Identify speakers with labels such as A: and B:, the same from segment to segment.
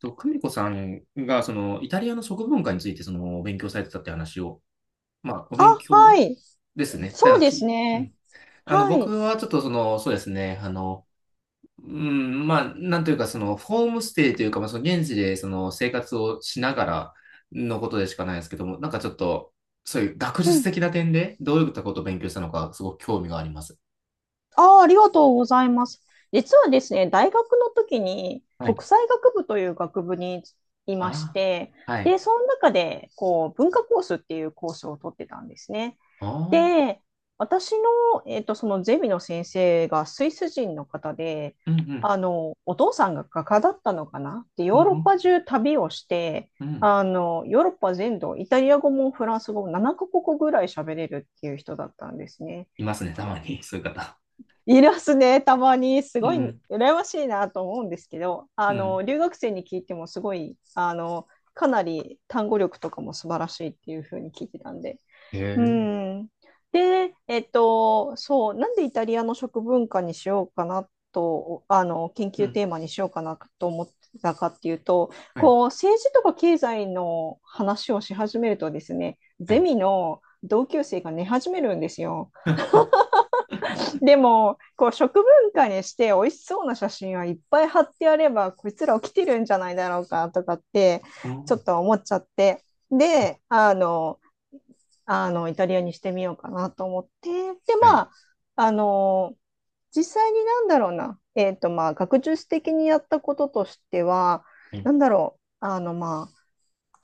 A: と、久美子さんが、イタリアの食文化について、お勉強されてたって話を、まあ、お
B: あ、
A: 勉強
B: はい。
A: ですね。た
B: そう
A: だ、
B: です
A: う
B: ね。
A: ん。
B: はい。
A: 僕はちょっと、そうですね、まあ、なんというか、ホームステイというか、まあ、現地で、生活をしながらのことでしかないですけども、なんかちょっと、そういう学
B: う
A: 術
B: ん。
A: 的な点で、どういったことを勉強したのか、すごく興味があります。
B: あー、ありがとうございます。実はですね、大学の時に
A: はい。
B: 国際学部という学部にいまし
A: あ
B: て、
A: あ、はい。
B: で、その中で、こう、文化コースっていうコースを取ってたんですね。
A: ああ、
B: で、私の、そのゼミの先生がスイス人の方で、
A: うんうん、
B: お父さんが画家だったのかなで、
A: うん
B: ヨーロッ
A: うん、
B: パ中旅をして、
A: うん。
B: ヨーロッパ全土、イタリア語もフランス語も7カ国語ぐらい喋れるっていう人だったんですね。
A: いますね、たまに、そういう方。
B: いますね、たまに。す
A: う
B: ごい
A: ん、
B: 羨ましいなと思うんですけど、
A: うん。
B: 留学生に聞いてもすごい、かなり単語力とかも素晴らしいっていうふうに聞いてたんで、
A: へ
B: う
A: え。
B: ん。で、そう、なんでイタリアの食文化にしようかなと、研
A: う
B: 究
A: ん。
B: テーマにしようかなと思ってたかっていうと、
A: はい。
B: こう、政治とか経済の話をし始めるとですね、
A: は
B: ゼ
A: い。
B: ミの同級生が寝始めるんですよ。でも、こう、食文化にして美味しそうな写真はいっぱい貼ってやれば、こいつら起きてるんじゃないだろうかとかって、
A: う
B: ちょっ
A: ん。
B: と思っちゃって。
A: はい。
B: で、イタリアにしてみようかなと思って、で、
A: は
B: ま
A: い。
B: あ、あの、実際になんだろうな、まあ、学術的にやったこととしては、
A: はい。
B: なんだろう、まあ、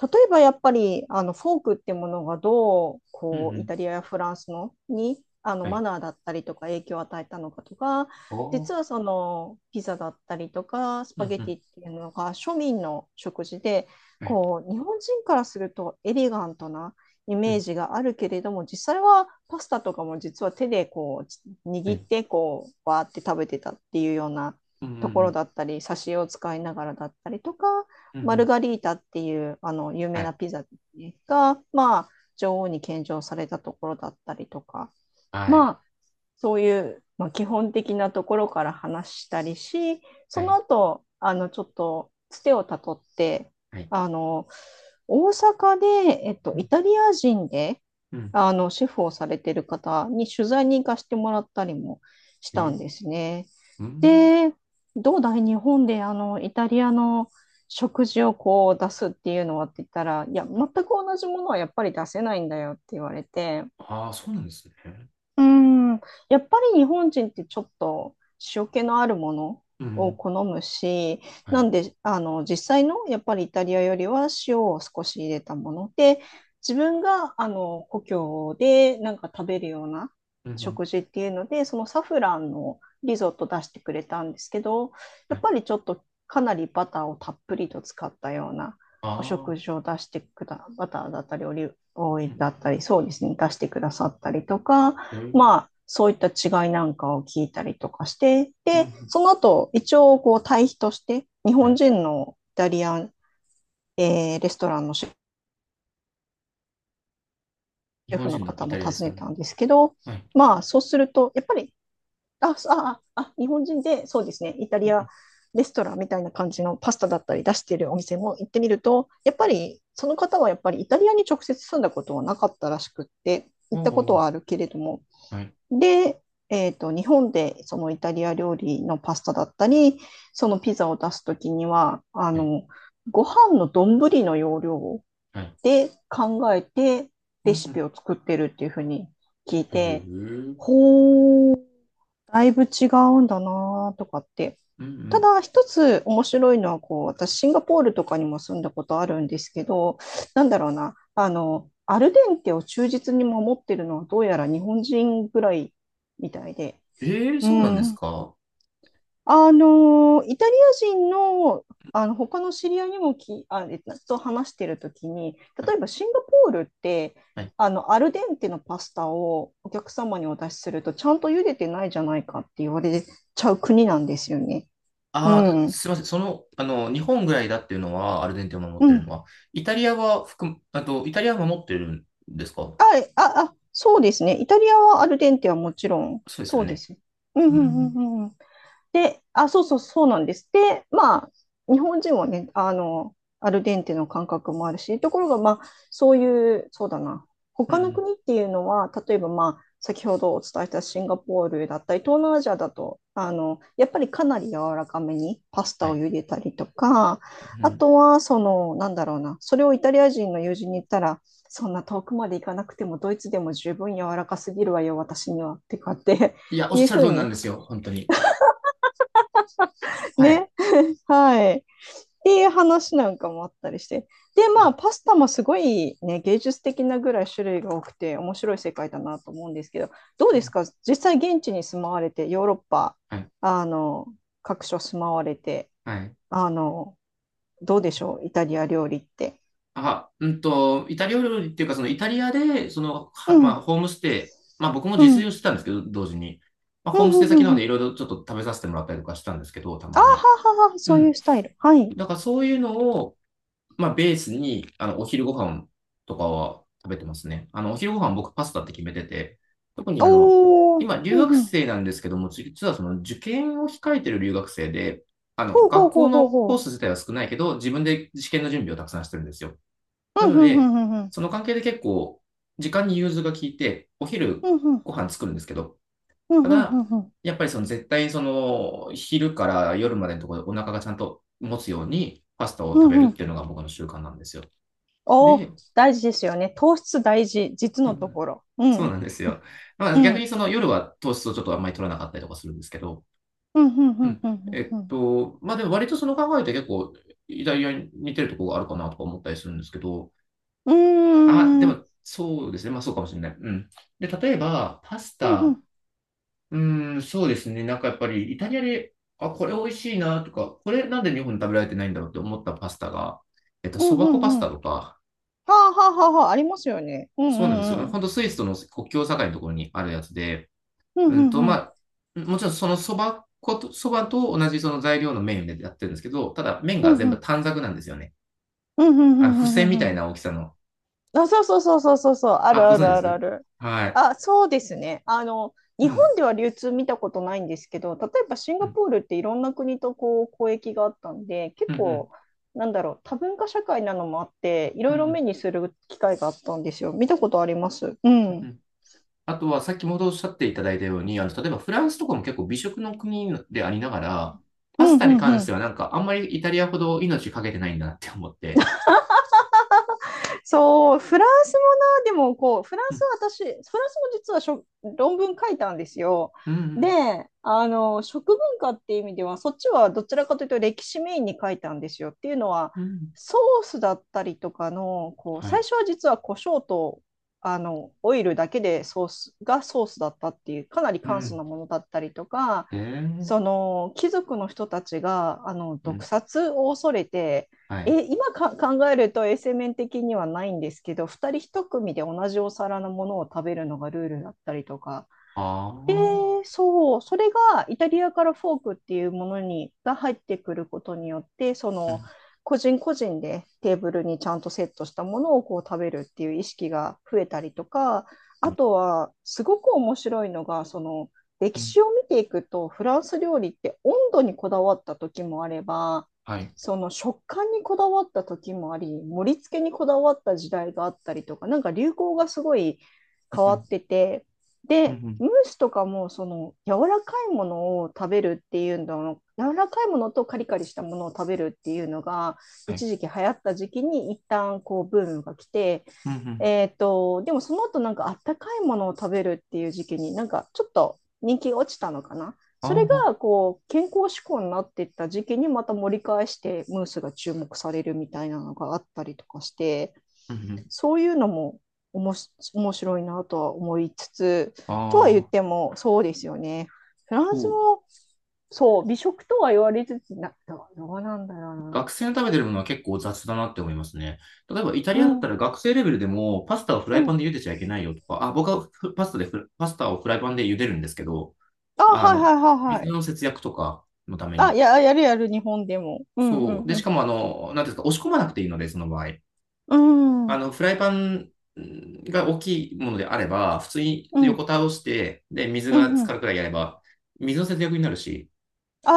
B: 例えばやっぱりあのフォークってものがどう
A: うんう
B: こうイ
A: ん。
B: タリアやフランスのにあの
A: は
B: マ
A: い。
B: ナーだったりとか影響を与えたのかとか、
A: お
B: 実は
A: ー。
B: そのピザだったりとかス
A: う
B: パ
A: ん
B: ゲ
A: う
B: テ
A: ん。
B: ィっていうのが庶民の食事で、
A: はい。
B: こう、日本人からするとエレガントなイ
A: う
B: メー
A: ん。
B: ジがあるけれども、実際はパスタとかも実は手でこう
A: は
B: 握っ
A: い。
B: てこうわーって食べてたっていうような
A: うんうん
B: とこ
A: う
B: ろ
A: ん。
B: だったり、差しを使いながらだったりとか、
A: うんう
B: マル
A: ん。
B: ガリータっていうあの有
A: は
B: 名な
A: い。
B: ピザが、まあ、女王に献上されたところだったりとか、
A: はい。
B: そういう、まあ、基本的なところから話したりし、
A: は
B: その
A: い。
B: 後、ちょっと、つてをたどって、
A: はい。
B: あの、大阪で、
A: う
B: イ
A: ん
B: タリア人で、
A: うん。
B: シェフをされてる方に取材に行かせてもらったりもし
A: へ
B: たん
A: え。
B: ですね。
A: うん。
B: で、どうだい日本で、イタリアの食事をこう出すっていうのはって言ったら、いや、全く同じものはやっぱり出せないんだよって言われて、
A: ああ、そうなんですね。
B: うん、やっぱり日本人ってちょっと塩気のあるもの
A: うんう
B: を
A: ん。
B: 好むし、
A: は
B: な
A: い。
B: んで、実際のやっぱりイタリアよりは塩を少し入れたもので、自分が、故郷でなんか食べるような
A: うんうん。
B: 食事っていうので、そのサフランのリゾット出してくれたんですけど、
A: は
B: やっ
A: い。
B: ぱりちょっとかなりバターをたっぷりと使ったような
A: あ
B: お食事
A: あ。
B: を出してくだ、バターだったり、オリーブオイ
A: う
B: ル
A: ん。
B: だったり、そうですね、出してくださったりとか、
A: へえ。
B: まあ、そういった違いなんかを聞いたりとかして、
A: う
B: で、
A: ん
B: その後、一応、こう、対比として、日
A: うん。は
B: 本
A: い。
B: 人のイタリアン、レストランのシ
A: 日
B: ェ
A: 本
B: フの
A: 人のイ
B: 方も
A: タリアに
B: 訪
A: す
B: ね
A: るの。
B: たんですけど、
A: はい。
B: まあ、そうすると、やっぱり、あ、あ、あ、日本人で、そうですね、イタ
A: う
B: リ
A: んう
B: ア
A: ん。
B: レストランみたいな感じのパスタだったり出しているお店も行ってみると、やっぱり、その方はやっぱりイタリアに直接住んだことはなかったらしくって、
A: お
B: 行ったことは
A: お。
B: あるけれども、
A: はい。
B: で、日本でそのイタリア料理のパスタだったり、そのピザを出すときには、
A: はい。
B: ご飯の丼の容量
A: はい。
B: で考えて
A: う
B: レ
A: ん
B: シ
A: う
B: ピ
A: ん。
B: を作ってるっていうふうに聞い
A: へ
B: て、
A: え。
B: ほう、だいぶ違うんだなとかって。
A: うんう
B: た
A: ん。
B: だ一つ面白いのは、こう、私シンガポールとかにも住んだことあるんですけど、なんだろうな、アルデンテを忠実に守ってるのはどうやら日本人ぐらいみたいで、
A: ええ、
B: う
A: そうなんです
B: ん。
A: か。は
B: イタリア人の、他の知り合いにもき、あ、えっとと話してるときに、例えば
A: い。
B: シンガポールって、
A: はい。
B: アルデンテのパスタをお客様にお出しすると、ちゃんと茹でてないじゃないかって言われちゃう国なんですよね。う
A: ああ、
B: ん。
A: すみません。日本ぐらいだっていうのは、アルゼンチンを守っ
B: う
A: てる
B: ん。
A: のは、イタリアは含む、あと、イタリアは守ってるんですか？
B: あ、あ、あ、そうですね。イタリアはアルデンテはもちろん、
A: そうですよ
B: そうで
A: ね。
B: すね。うん、
A: う
B: う
A: ん。
B: ん、
A: ん。
B: うん、うん。で、あ、そうそう、そうなんです。で、まあ、日本人はね、アルデンテの感覚もあるし、ところが、まあ、そういう、そうだな、
A: う
B: 他の
A: ん。
B: 国っていうのは、例えば、まあ、先ほどお伝えしたシンガポールだったり、東南アジアだと、やっぱりかなり柔らかめにパス
A: は
B: タを
A: い。
B: 茹でたりとか、
A: う
B: あ
A: ん。
B: とは、その、なんだろうな、それをイタリア人の友人に言ったら、そんな遠くまで行かなくても、ドイツでも十分柔らかすぎるわよ、私には、ってかって
A: いや、おっ
B: いう
A: しゃ
B: ふ
A: る通
B: う
A: りなん
B: に、
A: ですよ。本当に。はい。
B: ね、はい。っていう話なんかもあったりして。で、
A: う
B: ま
A: ん
B: あ、パスタもすごいね、芸術的なぐらい種類が多くて、面白い世界だなと思うんですけど、どう
A: う
B: です
A: ん。
B: か実際現地に住まわれて、ヨーロッパ、
A: はい。
B: あの、各所住まわれて、
A: はい。
B: あの、どうでしょうイタリア料理って？
A: イタリア料理っていうか、イタリアで、
B: う
A: ま
B: ん、
A: あ、ホームステイ、まあ僕も
B: う
A: 自
B: ん、う
A: 炊
B: ん、
A: をしてたんですけど、同時に。まあ、
B: う
A: ホー
B: ん、
A: ムステ
B: う
A: イ先な
B: ん。
A: の
B: う
A: で、い
B: ん、
A: ろいろちょっと食べさせてもらったりとかしたんですけど、た
B: あ
A: まに。
B: ははは、
A: う
B: そういう
A: ん。
B: スタイル。はい。
A: だからそういうのを、まあ、ベースに、お昼ご飯とかは食べてますね。お昼ご飯僕パスタって決めてて、特に
B: おー、
A: 今、留
B: うん、
A: 学
B: うん。
A: 生なんですけども、実はその受験を控えてる留学生で、
B: ほうほ
A: 学
B: うほ
A: 校
B: うほう
A: の
B: ほ
A: コー
B: う。
A: ス自体は少ないけど、自分で試験の準備をたくさんしてるんですよ。
B: う
A: な
B: ん、
A: の
B: うん、う
A: で、
B: ん、うん、うん。
A: その関係で結構、時間に融通が効いて、お昼
B: うん、うん、
A: ご飯作るんですけど、
B: う
A: た
B: ん、うん、う
A: だ、
B: ん、うん、
A: やっぱりその絶対その昼から夜までのところでお腹がちゃんと持つようにパスタを食
B: うん、
A: べ
B: う
A: るっ
B: ん、
A: ていうのが僕の習慣なんですよ。
B: お、
A: で、
B: 大事ですよね。糖質大事、実
A: そう
B: の
A: な
B: と
A: ん
B: ころ。うん、う
A: そう
B: ん、
A: なんですよ。まあ、
B: う
A: 逆に
B: ん、
A: その夜は糖質をちょっとあんまり取らなかったりとかするんですけど、
B: うん、うん、
A: うん。
B: うん、うん。
A: まあでも割とその考えって結構、イタリアに似てるところがあるかなとか思ったりするんですけど、
B: う
A: あ、で
B: ん、うー
A: も
B: ん、
A: そうですね。まあそうかもしれない。うん。で、例えば、パス
B: うん、う
A: タ、
B: ん、
A: うーん、そうですね。なんかやっぱりイタリアで、あ、これ美味しいなとか、これなんで日本で食べられてないんだろうって思ったパスタが、
B: うん、
A: そば
B: う
A: 粉パス
B: ん。う
A: タ
B: ん、
A: とか、
B: はあ、はあ、はあ、はあ、ありますよね。うん、う
A: そうなんですよ。
B: ん、うん。
A: ほんとスイスとの国境境のところにあるやつで、
B: うん、うん、うん。
A: まあ、もちろんそのそば粉と、そばと同じその材料の麺でやってるんですけど、ただ麺
B: う
A: が
B: ん、
A: 全
B: う
A: 部
B: ん、
A: 短冊なんですよね。
B: うん、うん、う
A: 付箋
B: ん、
A: み
B: う
A: た
B: ん。
A: い
B: うん、
A: な大きさの。
B: あ、そうそうそうそうそうそう、あ
A: あ、
B: る
A: ご
B: あ
A: 存知
B: る
A: で
B: あるあ
A: す
B: る。
A: はい。
B: あ、そうですね。
A: う
B: 日本
A: ん。
B: では流通見たことないんですけど、例えばシン
A: う
B: ガ
A: ん。
B: ポールっていろんな国とこう交易があったんで、
A: う
B: 結
A: ん。
B: 構、なんだろう、多文化社会なのもあって、い
A: う
B: ろ
A: ん。
B: い
A: う
B: ろ目
A: ん
B: にする機会があったんですよ。見たことあります。う
A: う
B: ん。
A: ん。あとは、先ほどおっしゃっていただいたように、例えばフランスとかも結構美食の国でありながら、
B: う
A: パ
B: ん、
A: スタ
B: う
A: に
B: ん、
A: 関
B: う
A: して
B: ん。
A: はなんかあんまりイタリアほど命かけてないんだなって思って。
B: そう、フランスもな、でもこう、フラン
A: う
B: ス
A: ん。
B: は私、フランスも実は論文書いたんですよ。
A: うん。
B: で、食文化っていう意味では、そっちはどちらかというと歴史メインに書いたんですよ。っていうのは、
A: うん。
B: ソースだったりとかの、こう、
A: は
B: 最
A: い。
B: 初は実は胡椒と、オイルだけでソースがソースだったっていう、かなり
A: う
B: 簡素
A: ん。
B: なものだったりとか、
A: へえ。
B: その貴族の人たちがあの
A: う
B: 毒
A: ん。
B: 殺を恐れて、
A: はい。
B: 今か考えると衛生面的にはないんですけど、2人1組で同じお皿のものを食べるのがルールだったりとか、
A: ああ。
B: そう、それがイタリアからフォークっていうものにが入ってくることによって、そ
A: う
B: の
A: ん。
B: 個人個人でテーブルにちゃんとセットしたものをこう食べるっていう意識が増えたりとか、
A: は
B: あ
A: い。
B: とはすごく面白いのが、その
A: う
B: 歴
A: ん。
B: 史を見ていくと、フランス料理って温度にこだわった時もあれば、
A: はい。
B: その食感にこだわった時もあり、盛り付けにこだわった時代があったりとか、なんか流行がすごい変
A: う
B: わ
A: ん、
B: ってて。
A: うん、う
B: で、
A: ん、
B: ムースとかもその柔らかいものを食べるっていうの柔らかいものとカリカリしたものを食べるっていうのが
A: はい。
B: 一時期流行った時期に一旦こうブームが来て、
A: うん、うん。
B: でもその後なんかあったかいものを食べるっていう時期になんかちょっと人気が落ちたのかな。それ
A: ああ、
B: がこう健康志向になっていった時期にまた盛り返してムースが注目されるみたいなのがあったりとかして、
A: うん、うん。
B: そういうのもおもし面白いなとは思いつつ、とは言っ
A: ああ、
B: ても、そうですよね。フランス
A: そう。
B: も、そう、美食とは言われつつ、な、どうなんだろうな。
A: 学生の食べてるものは結構雑だなって思いますね。例えば、イタリ
B: う
A: アだった
B: ん、
A: ら学生レベルでも、パスタをフラ
B: う
A: イパン
B: ん。
A: で茹でちゃいけないよとか、あ、僕はフパスタでフ、パスタをフライパンで茹でるんですけど、
B: あ、
A: あ
B: はいは
A: の、
B: いはいは
A: 水
B: い。
A: の節約とかのため
B: あ、
A: に。
B: やるやる、日本でも。うんう
A: そ
B: ん
A: う。で、
B: う
A: しか
B: ん。
A: も、なんていうんですか、押し込まなくていいので、その場合。
B: うん、うん、
A: フライパンが大きいものであれば、普通に
B: う
A: 横倒して、で、水
B: ん、う
A: が浸か
B: ん。
A: るくらいやれば、水の節約になるし、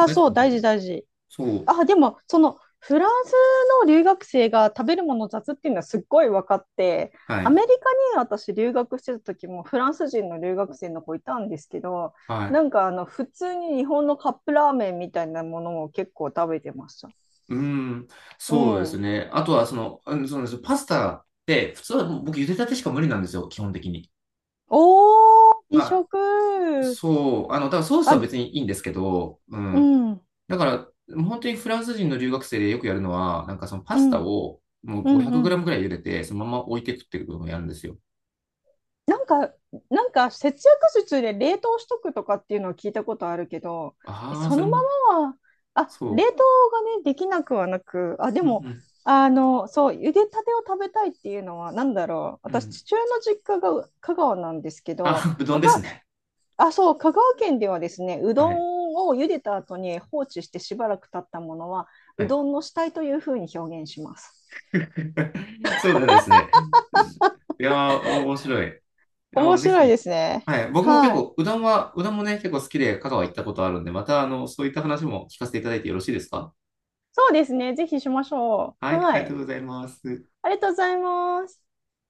A: 焦げつ
B: そ
A: き
B: う、
A: も節
B: 大事
A: 約
B: 大事。
A: そう、
B: あ、でも、その、フランスの留学生が食べるもの雑っていうのはすっごい分かって、
A: は
B: アメリ
A: い、
B: カに私留学してた時もフランス人の留学生の子いたんですけど、
A: は
B: な
A: い。
B: んか普通に日本のカップラーメンみたいなものを結構食べてました。
A: うん、
B: う
A: そうです
B: ん。
A: ね。あとは、うんそうなんですよ。パスタって、普通は僕、茹でたてしか無理なんですよ、基本的に。
B: おー、美
A: は
B: 食。
A: い。そう、だからソースは
B: あ、
A: 別にいいんですけど、う
B: う
A: ん。
B: ん、
A: だから、本当にフランス人の留学生でよくやるのは、なんかそのパ
B: う
A: ス
B: ん、
A: タを、もう
B: う
A: 5
B: ん、
A: 0 0
B: うん。
A: ムぐらい茹でて、そのまま置いて食っていくこともやるんですよ。
B: なんか、なんか節約術で冷凍しとくとかっていうのは聞いたことあるけど、
A: ああ、
B: そ
A: それ
B: のま
A: も、
B: まは、あ、冷
A: そ
B: 凍がね、できなくはなく、あ、で
A: う。う
B: も、
A: ん
B: そう、茹でたてを食べたいっていうのは、なんだろう、
A: うん。う
B: 私、
A: ん。
B: 父親の実家が香川なんですけど、
A: あ、うどん
B: 香
A: です
B: 川、
A: ね。
B: あ、そう、香川県ではですね、う
A: は
B: ど
A: い。
B: んを茹でた後に放置してしばらく経ったものは、
A: は
B: う
A: い。
B: どんの死体というふうに表現します。
A: そうだですね。いやー、お面白い。いや
B: 面
A: ー、ぜ
B: 白い
A: ひ。
B: ですね。
A: はい。僕も結
B: はい。
A: 構、うどんもね、結構好きで、香川行ったことあるんで、また、そういった話も聞かせていただいてよろしいですか？
B: そうですね、ぜひしましょ
A: は
B: う。
A: い。
B: は
A: ありがとう
B: い。
A: ございます。
B: ありがとうございます。